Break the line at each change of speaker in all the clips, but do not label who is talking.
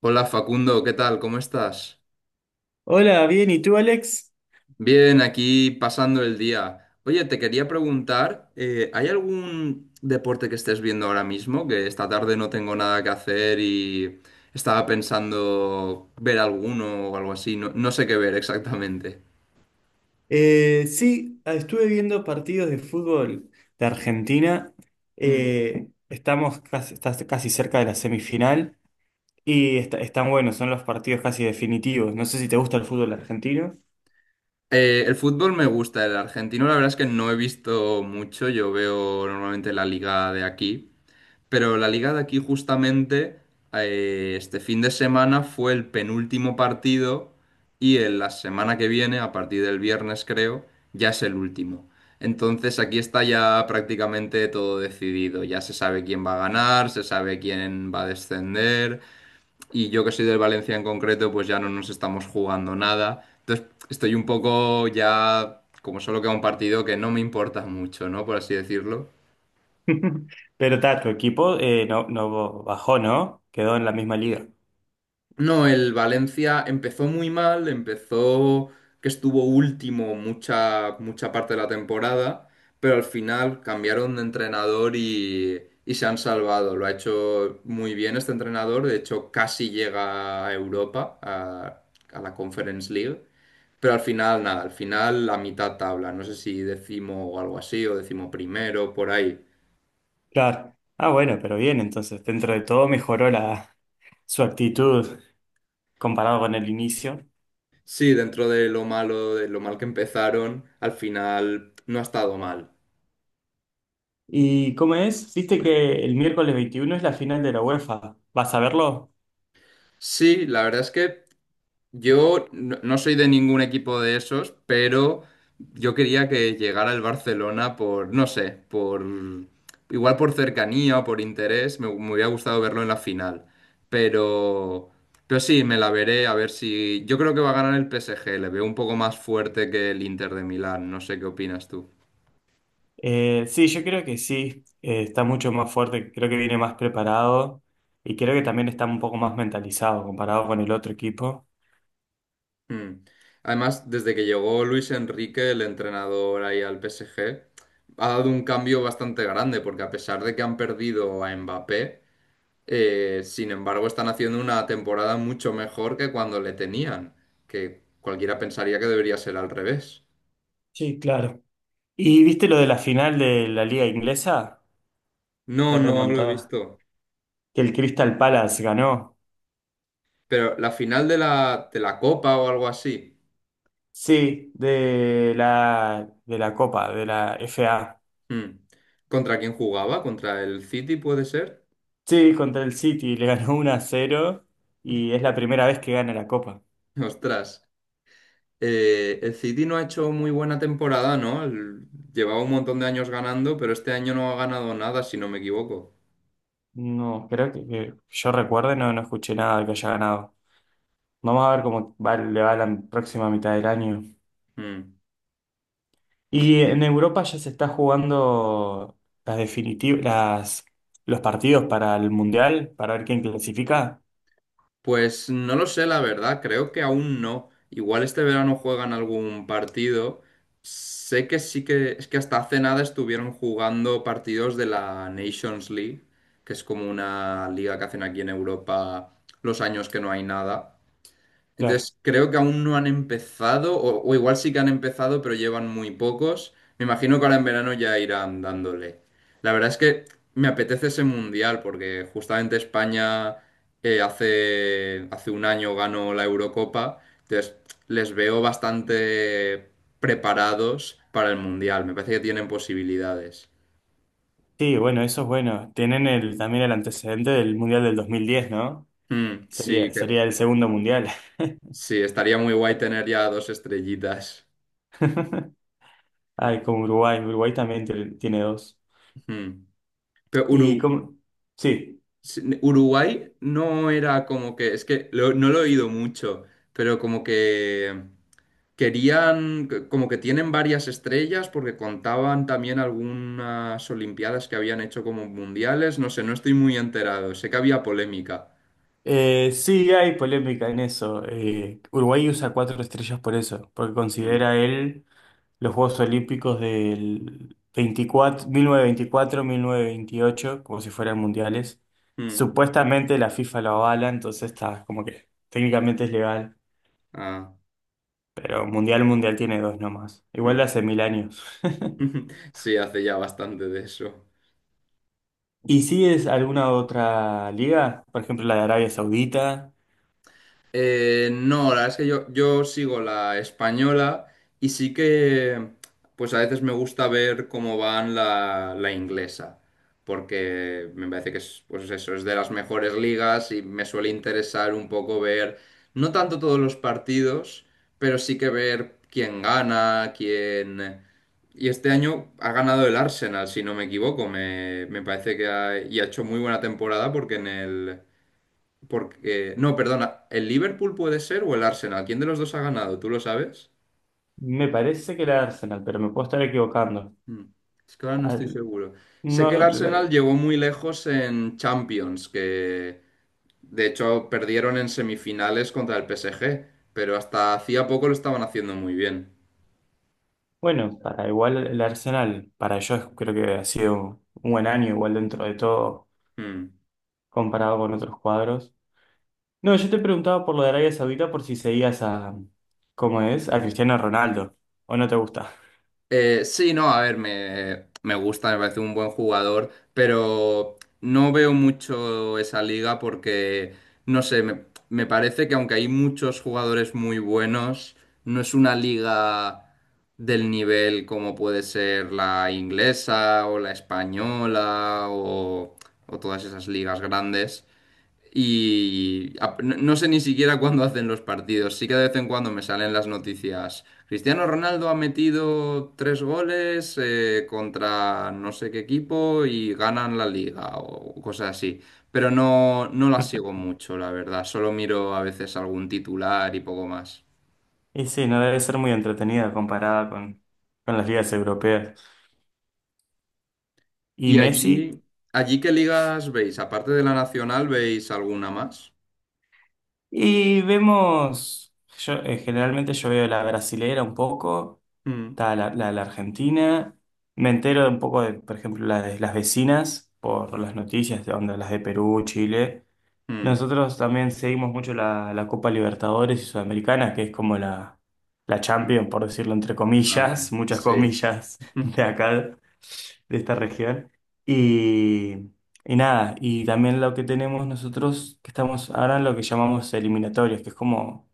Hola Facundo, ¿qué tal? ¿Cómo estás?
Hola, bien, ¿y tú, Alex?
Bien, aquí pasando el día. Oye, te quería preguntar, ¿hay algún deporte que estés viendo ahora mismo? Que esta tarde no tengo nada que hacer y estaba pensando ver alguno o algo así. No sé qué ver exactamente.
Sí, estuve viendo partidos de fútbol de Argentina.
Mm.
Estás casi cerca de la semifinal y están buenos, son los partidos casi definitivos. No sé si te gusta el fútbol argentino,
El fútbol me gusta, el argentino la verdad es que no he visto mucho. Yo veo normalmente la liga de aquí. Pero la liga de aquí justamente este fin de semana fue el penúltimo partido y en la semana que viene, a partir del viernes creo, ya es el último. Entonces aquí está ya prácticamente todo decidido. Ya se sabe quién va a ganar, se sabe quién va a descender y yo que soy del Valencia en concreto, pues ya no nos estamos jugando nada. Entonces estoy un poco ya, como solo queda un partido que no me importa mucho, ¿no? Por así decirlo.
pero ta, tu equipo no, no bajó, ¿no? Quedó en la misma liga.
No, el Valencia empezó muy mal, empezó que estuvo último mucha parte de la temporada, pero al final cambiaron de entrenador y se han salvado. Lo ha hecho muy bien este entrenador, de hecho casi llega a Europa, a la Conference League, pero al final nada, al final la mitad tabla, no sé si decimo o algo así, o decimo primero, por ahí.
Claro. Ah, bueno, pero bien, entonces dentro de todo mejoró su actitud comparado con el inicio.
Sí, dentro de lo malo, de lo mal que empezaron, al final no ha estado mal.
¿Y cómo es? ¿Viste que el miércoles 21 es la final de la UEFA? ¿Vas a verlo?
Sí, la verdad es que yo no soy de ningún equipo de esos, pero yo quería que llegara el Barcelona por, no sé, por igual por cercanía o por interés, me hubiera gustado verlo en la final. Pero, pero sí, me la veré a ver si. Yo creo que va a ganar el PSG, le veo un poco más fuerte que el Inter de Milán, no sé qué opinas tú.
Sí, yo creo que sí. Está mucho más fuerte, creo que viene más preparado y creo que también está un poco más mentalizado comparado con el otro equipo.
Mm. Además, desde que llegó Luis Enrique, el entrenador ahí al PSG, ha dado un cambio bastante grande, porque a pesar de que han perdido a Mbappé, sin embargo están haciendo una temporada mucho mejor que cuando le tenían, que cualquiera pensaría que debería ser al revés.
Sí, claro. ¿Y viste lo de la final de la liga inglesa?
No,
La
no lo he
remontada.
visto.
Que el Crystal Palace ganó.
Pero la final de de la Copa o algo así,
Sí, de la Copa, de la FA.
mm. ¿Contra quién jugaba? ¿Contra el City puede ser?
Sí, contra el City, le ganó 1-0 y es la primera vez que gana la Copa.
Ostras. El City no ha hecho muy buena temporada, ¿no? Llevaba un montón de años ganando, pero este año no ha ganado nada, si no me equivoco.
No, creo que yo recuerde, no, no escuché nada que haya ganado. Vamos a ver cómo le va la próxima mitad del año.
Mm.
Y en Europa ya se está jugando las definitivas, los partidos para el Mundial, para ver quién clasifica.
Pues no lo sé, la verdad, creo que aún no. Igual este verano juegan algún partido. Sé que sí que es que hasta hace nada estuvieron jugando partidos de la Nations League, que es como una liga que hacen aquí en Europa los años que no hay nada.
Claro.
Entonces, creo que aún no han empezado, o igual sí que han empezado, pero llevan muy pocos. Me imagino que ahora en verano ya irán dándole. La verdad es que me apetece ese mundial, porque justamente España hace 1 año ganó la Eurocopa, entonces les veo bastante preparados para el mundial. Me parece que tienen posibilidades.
Sí, bueno, eso es bueno. Tienen también el antecedente del Mundial del 2010, ¿no?
Mm,
Sería,
sí, que,
sería el segundo Mundial.
sí, estaría muy guay tener ya dos estrellitas.
Ay, con Uruguay. Uruguay también tiene dos.
Mm. Pero
Y
Uru-
como... Sí.
Sí, Uruguay no era como que, no lo he oído mucho, pero como que como que tienen varias estrellas porque contaban también algunas olimpiadas que habían hecho como mundiales, no sé, no estoy muy enterado, sé que había polémica.
Sí, hay polémica en eso. Uruguay usa cuatro estrellas por eso, porque
Mm,
considera él los Juegos Olímpicos del 24, 1924, 1928, como si fueran mundiales.
mm,
Supuestamente la FIFA lo avala, entonces está como que técnicamente es legal,
ah,
pero mundial, mundial tiene dos nomás. Igual de
mm.
hace mil años.
Sí, hace ya bastante de eso.
¿Y si es alguna otra liga? Por ejemplo, la de Arabia Saudita.
No, la verdad es que yo sigo la española y sí que pues a veces me gusta ver cómo van la inglesa, porque me parece que es, pues eso, es de las mejores ligas y me suele interesar un poco ver, no tanto todos los partidos, pero sí que ver quién gana, quién... Y este año ha ganado el Arsenal, si no me equivoco, me parece que ha, y ha hecho muy buena temporada porque en el... Porque, no, perdona, ¿el Liverpool puede ser o el Arsenal? ¿Quién de los dos ha ganado? ¿Tú lo sabes?
Me parece que la de Arsenal, pero me puedo estar equivocando.
Mm, es que ahora no estoy
Al-
seguro. Sé que el
No,
Arsenal llegó muy lejos en Champions, que de hecho perdieron en semifinales contra el PSG, pero hasta hacía poco lo estaban haciendo muy bien.
bueno, para igual el Arsenal, para ellos creo que ha sido un buen año, igual dentro de todo,
Mm.
comparado con otros cuadros. No, yo te preguntaba por lo de Arabia Saudita por si seguías a, ¿cómo es? A Cristiano Ronaldo, ¿o no te gusta?
Sí, no, a ver, me gusta, me parece un buen jugador, pero no veo mucho esa liga porque, no sé, me parece que aunque hay muchos jugadores muy buenos, no es una liga del nivel como puede ser la inglesa o la española o todas esas ligas grandes. No sé ni siquiera cuándo hacen los partidos. Sí que de vez en cuando me salen las noticias. Cristiano Ronaldo ha metido tres goles contra no sé qué equipo y ganan la liga o cosas así. Pero no, no las sigo mucho, la verdad. Solo miro a veces algún titular y poco más.
Y sí, no debe ser muy entretenida comparada con las ligas europeas. Y
¿Y
Messi,
allí, ¿allí qué ligas veis? Aparte de la nacional, ¿veis alguna más?
y vemos, yo generalmente yo veo la brasilera un poco.
Mm,
Está la de la Argentina. Me entero un poco de, por ejemplo, la de las vecinas por las noticias de onda, las de Perú, Chile.
mm.
Nosotros también seguimos mucho la Copa Libertadores y Sudamericana, que es como la Champions, por decirlo entre
Ah,
comillas, muchas
sí.
comillas de acá, de esta región. Y, y nada, y también lo que tenemos nosotros, que estamos ahora en lo que llamamos eliminatorios, que es como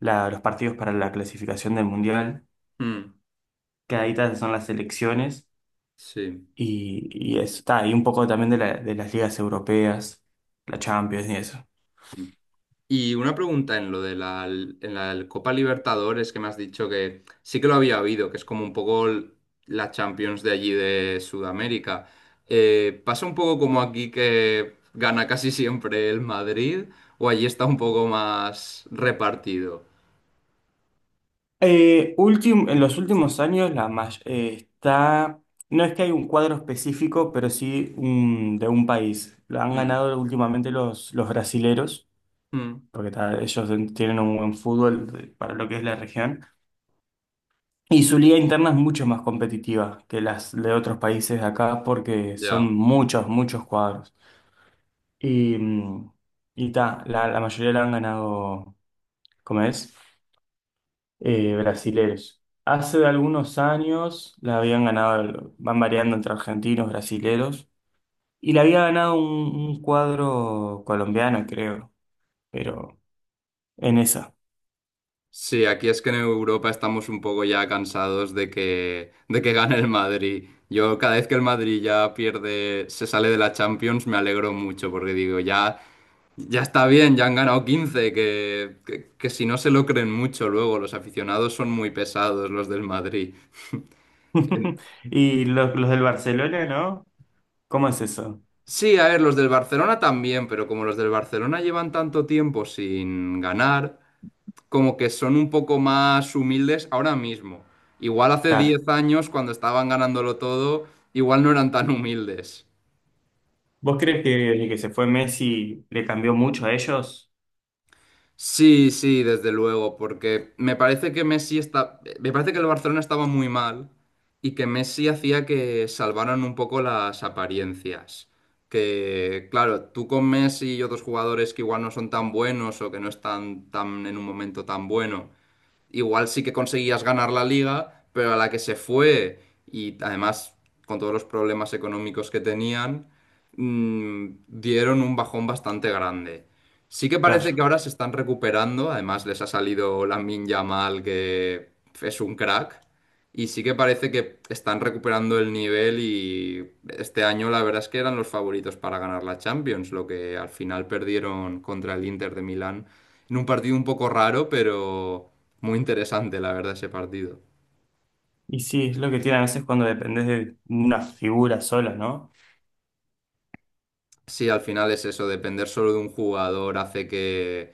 los partidos para la clasificación del Mundial
Mm,
quedaditas son las selecciones
sí.
y, y eso está, y un poco también de las ligas europeas, la Champions y eso.
Y una pregunta en lo de en la Copa Libertadores que me has dicho que sí que lo había habido, que es como un poco la Champions de allí de Sudamérica. ¿Pasa un poco como aquí que gana casi siempre el Madrid o allí está un poco más repartido?
En los últimos años no es que hay un cuadro específico, pero sí de un país. Lo han
Mm,
ganado últimamente los brasileros,
mm,
porque ta, ellos tienen un buen fútbol para lo que es la región. Y su liga interna es mucho más competitiva que las de otros países de acá porque son
ya.
muchos, muchos cuadros. Y, mm, y ta, la mayoría la han ganado, ¿cómo es? Brasileros. Hace algunos años la habían ganado, van variando entre argentinos, brasileros, y la había ganado un cuadro colombiano, creo, pero en esa.
Sí, aquí es que en Europa estamos un poco ya cansados de de que gane el Madrid. Yo cada vez que el Madrid ya pierde, se sale de la Champions, me alegro mucho porque digo, ya... Ya está bien, ya han ganado 15 que si no se lo creen mucho luego, los aficionados son muy pesados, los del Madrid. Em,
Y los del Barcelona, ¿no? ¿Cómo es eso?
Sí, a ver, los del Barcelona también, pero como los del Barcelona llevan tanto tiempo sin ganar, como que son un poco más humildes ahora mismo. Igual hace
Claro.
10 años, cuando estaban ganándolo todo, igual no eran tan humildes.
¿Vos crees que desde que se fue Messi le cambió mucho a ellos?
Sí, sí, desde luego, porque me parece que Messi está, me parece que el Barcelona estaba muy mal y que Messi hacía que salvaran un poco las apariencias. Que, claro, tú con Messi y otros jugadores que igual no son tan buenos o que no están tan en un momento tan bueno igual sí que conseguías ganar la liga, pero a la que se fue y además con todos los problemas económicos que tenían, mm, dieron un bajón bastante grande. Sí que parece que
Claro.
ahora se están recuperando, además les ha salido Lamine Yamal, que es un crack, y sí que parece que están recuperando el nivel y este año la verdad es que eran los favoritos para ganar la Champions, lo que al final perdieron contra el Inter de Milán en un partido un poco raro, pero muy interesante, la verdad, ese partido.
Y sí, es lo que tiene a veces cuando dependés de una figura sola, ¿no?
Sí, al final es eso, depender solo de un jugador hace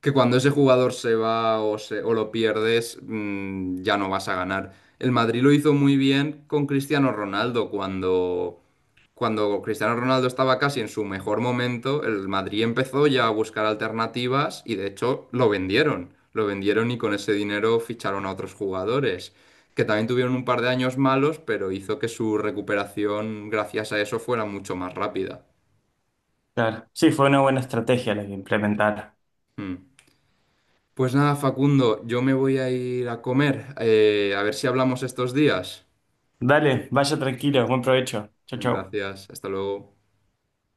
que cuando ese jugador se va o lo pierdes, mm, ya no vas a ganar. El Madrid lo hizo muy bien con Cristiano Ronaldo cuando Cristiano Ronaldo estaba casi en su mejor momento, el Madrid empezó ya a buscar alternativas y de hecho lo vendieron. Lo vendieron y con ese dinero ficharon a otros jugadores, que también tuvieron un par de años malos, pero hizo que su recuperación gracias a eso fuera mucho más rápida.
Claro. Sí, fue una buena estrategia la que implementaron.
Mm. Pues nada, Facundo, yo me voy a ir a comer. A ver si hablamos estos días.
Dale, vaya tranquilo, buen provecho. Chau, chau.
Gracias, hasta luego.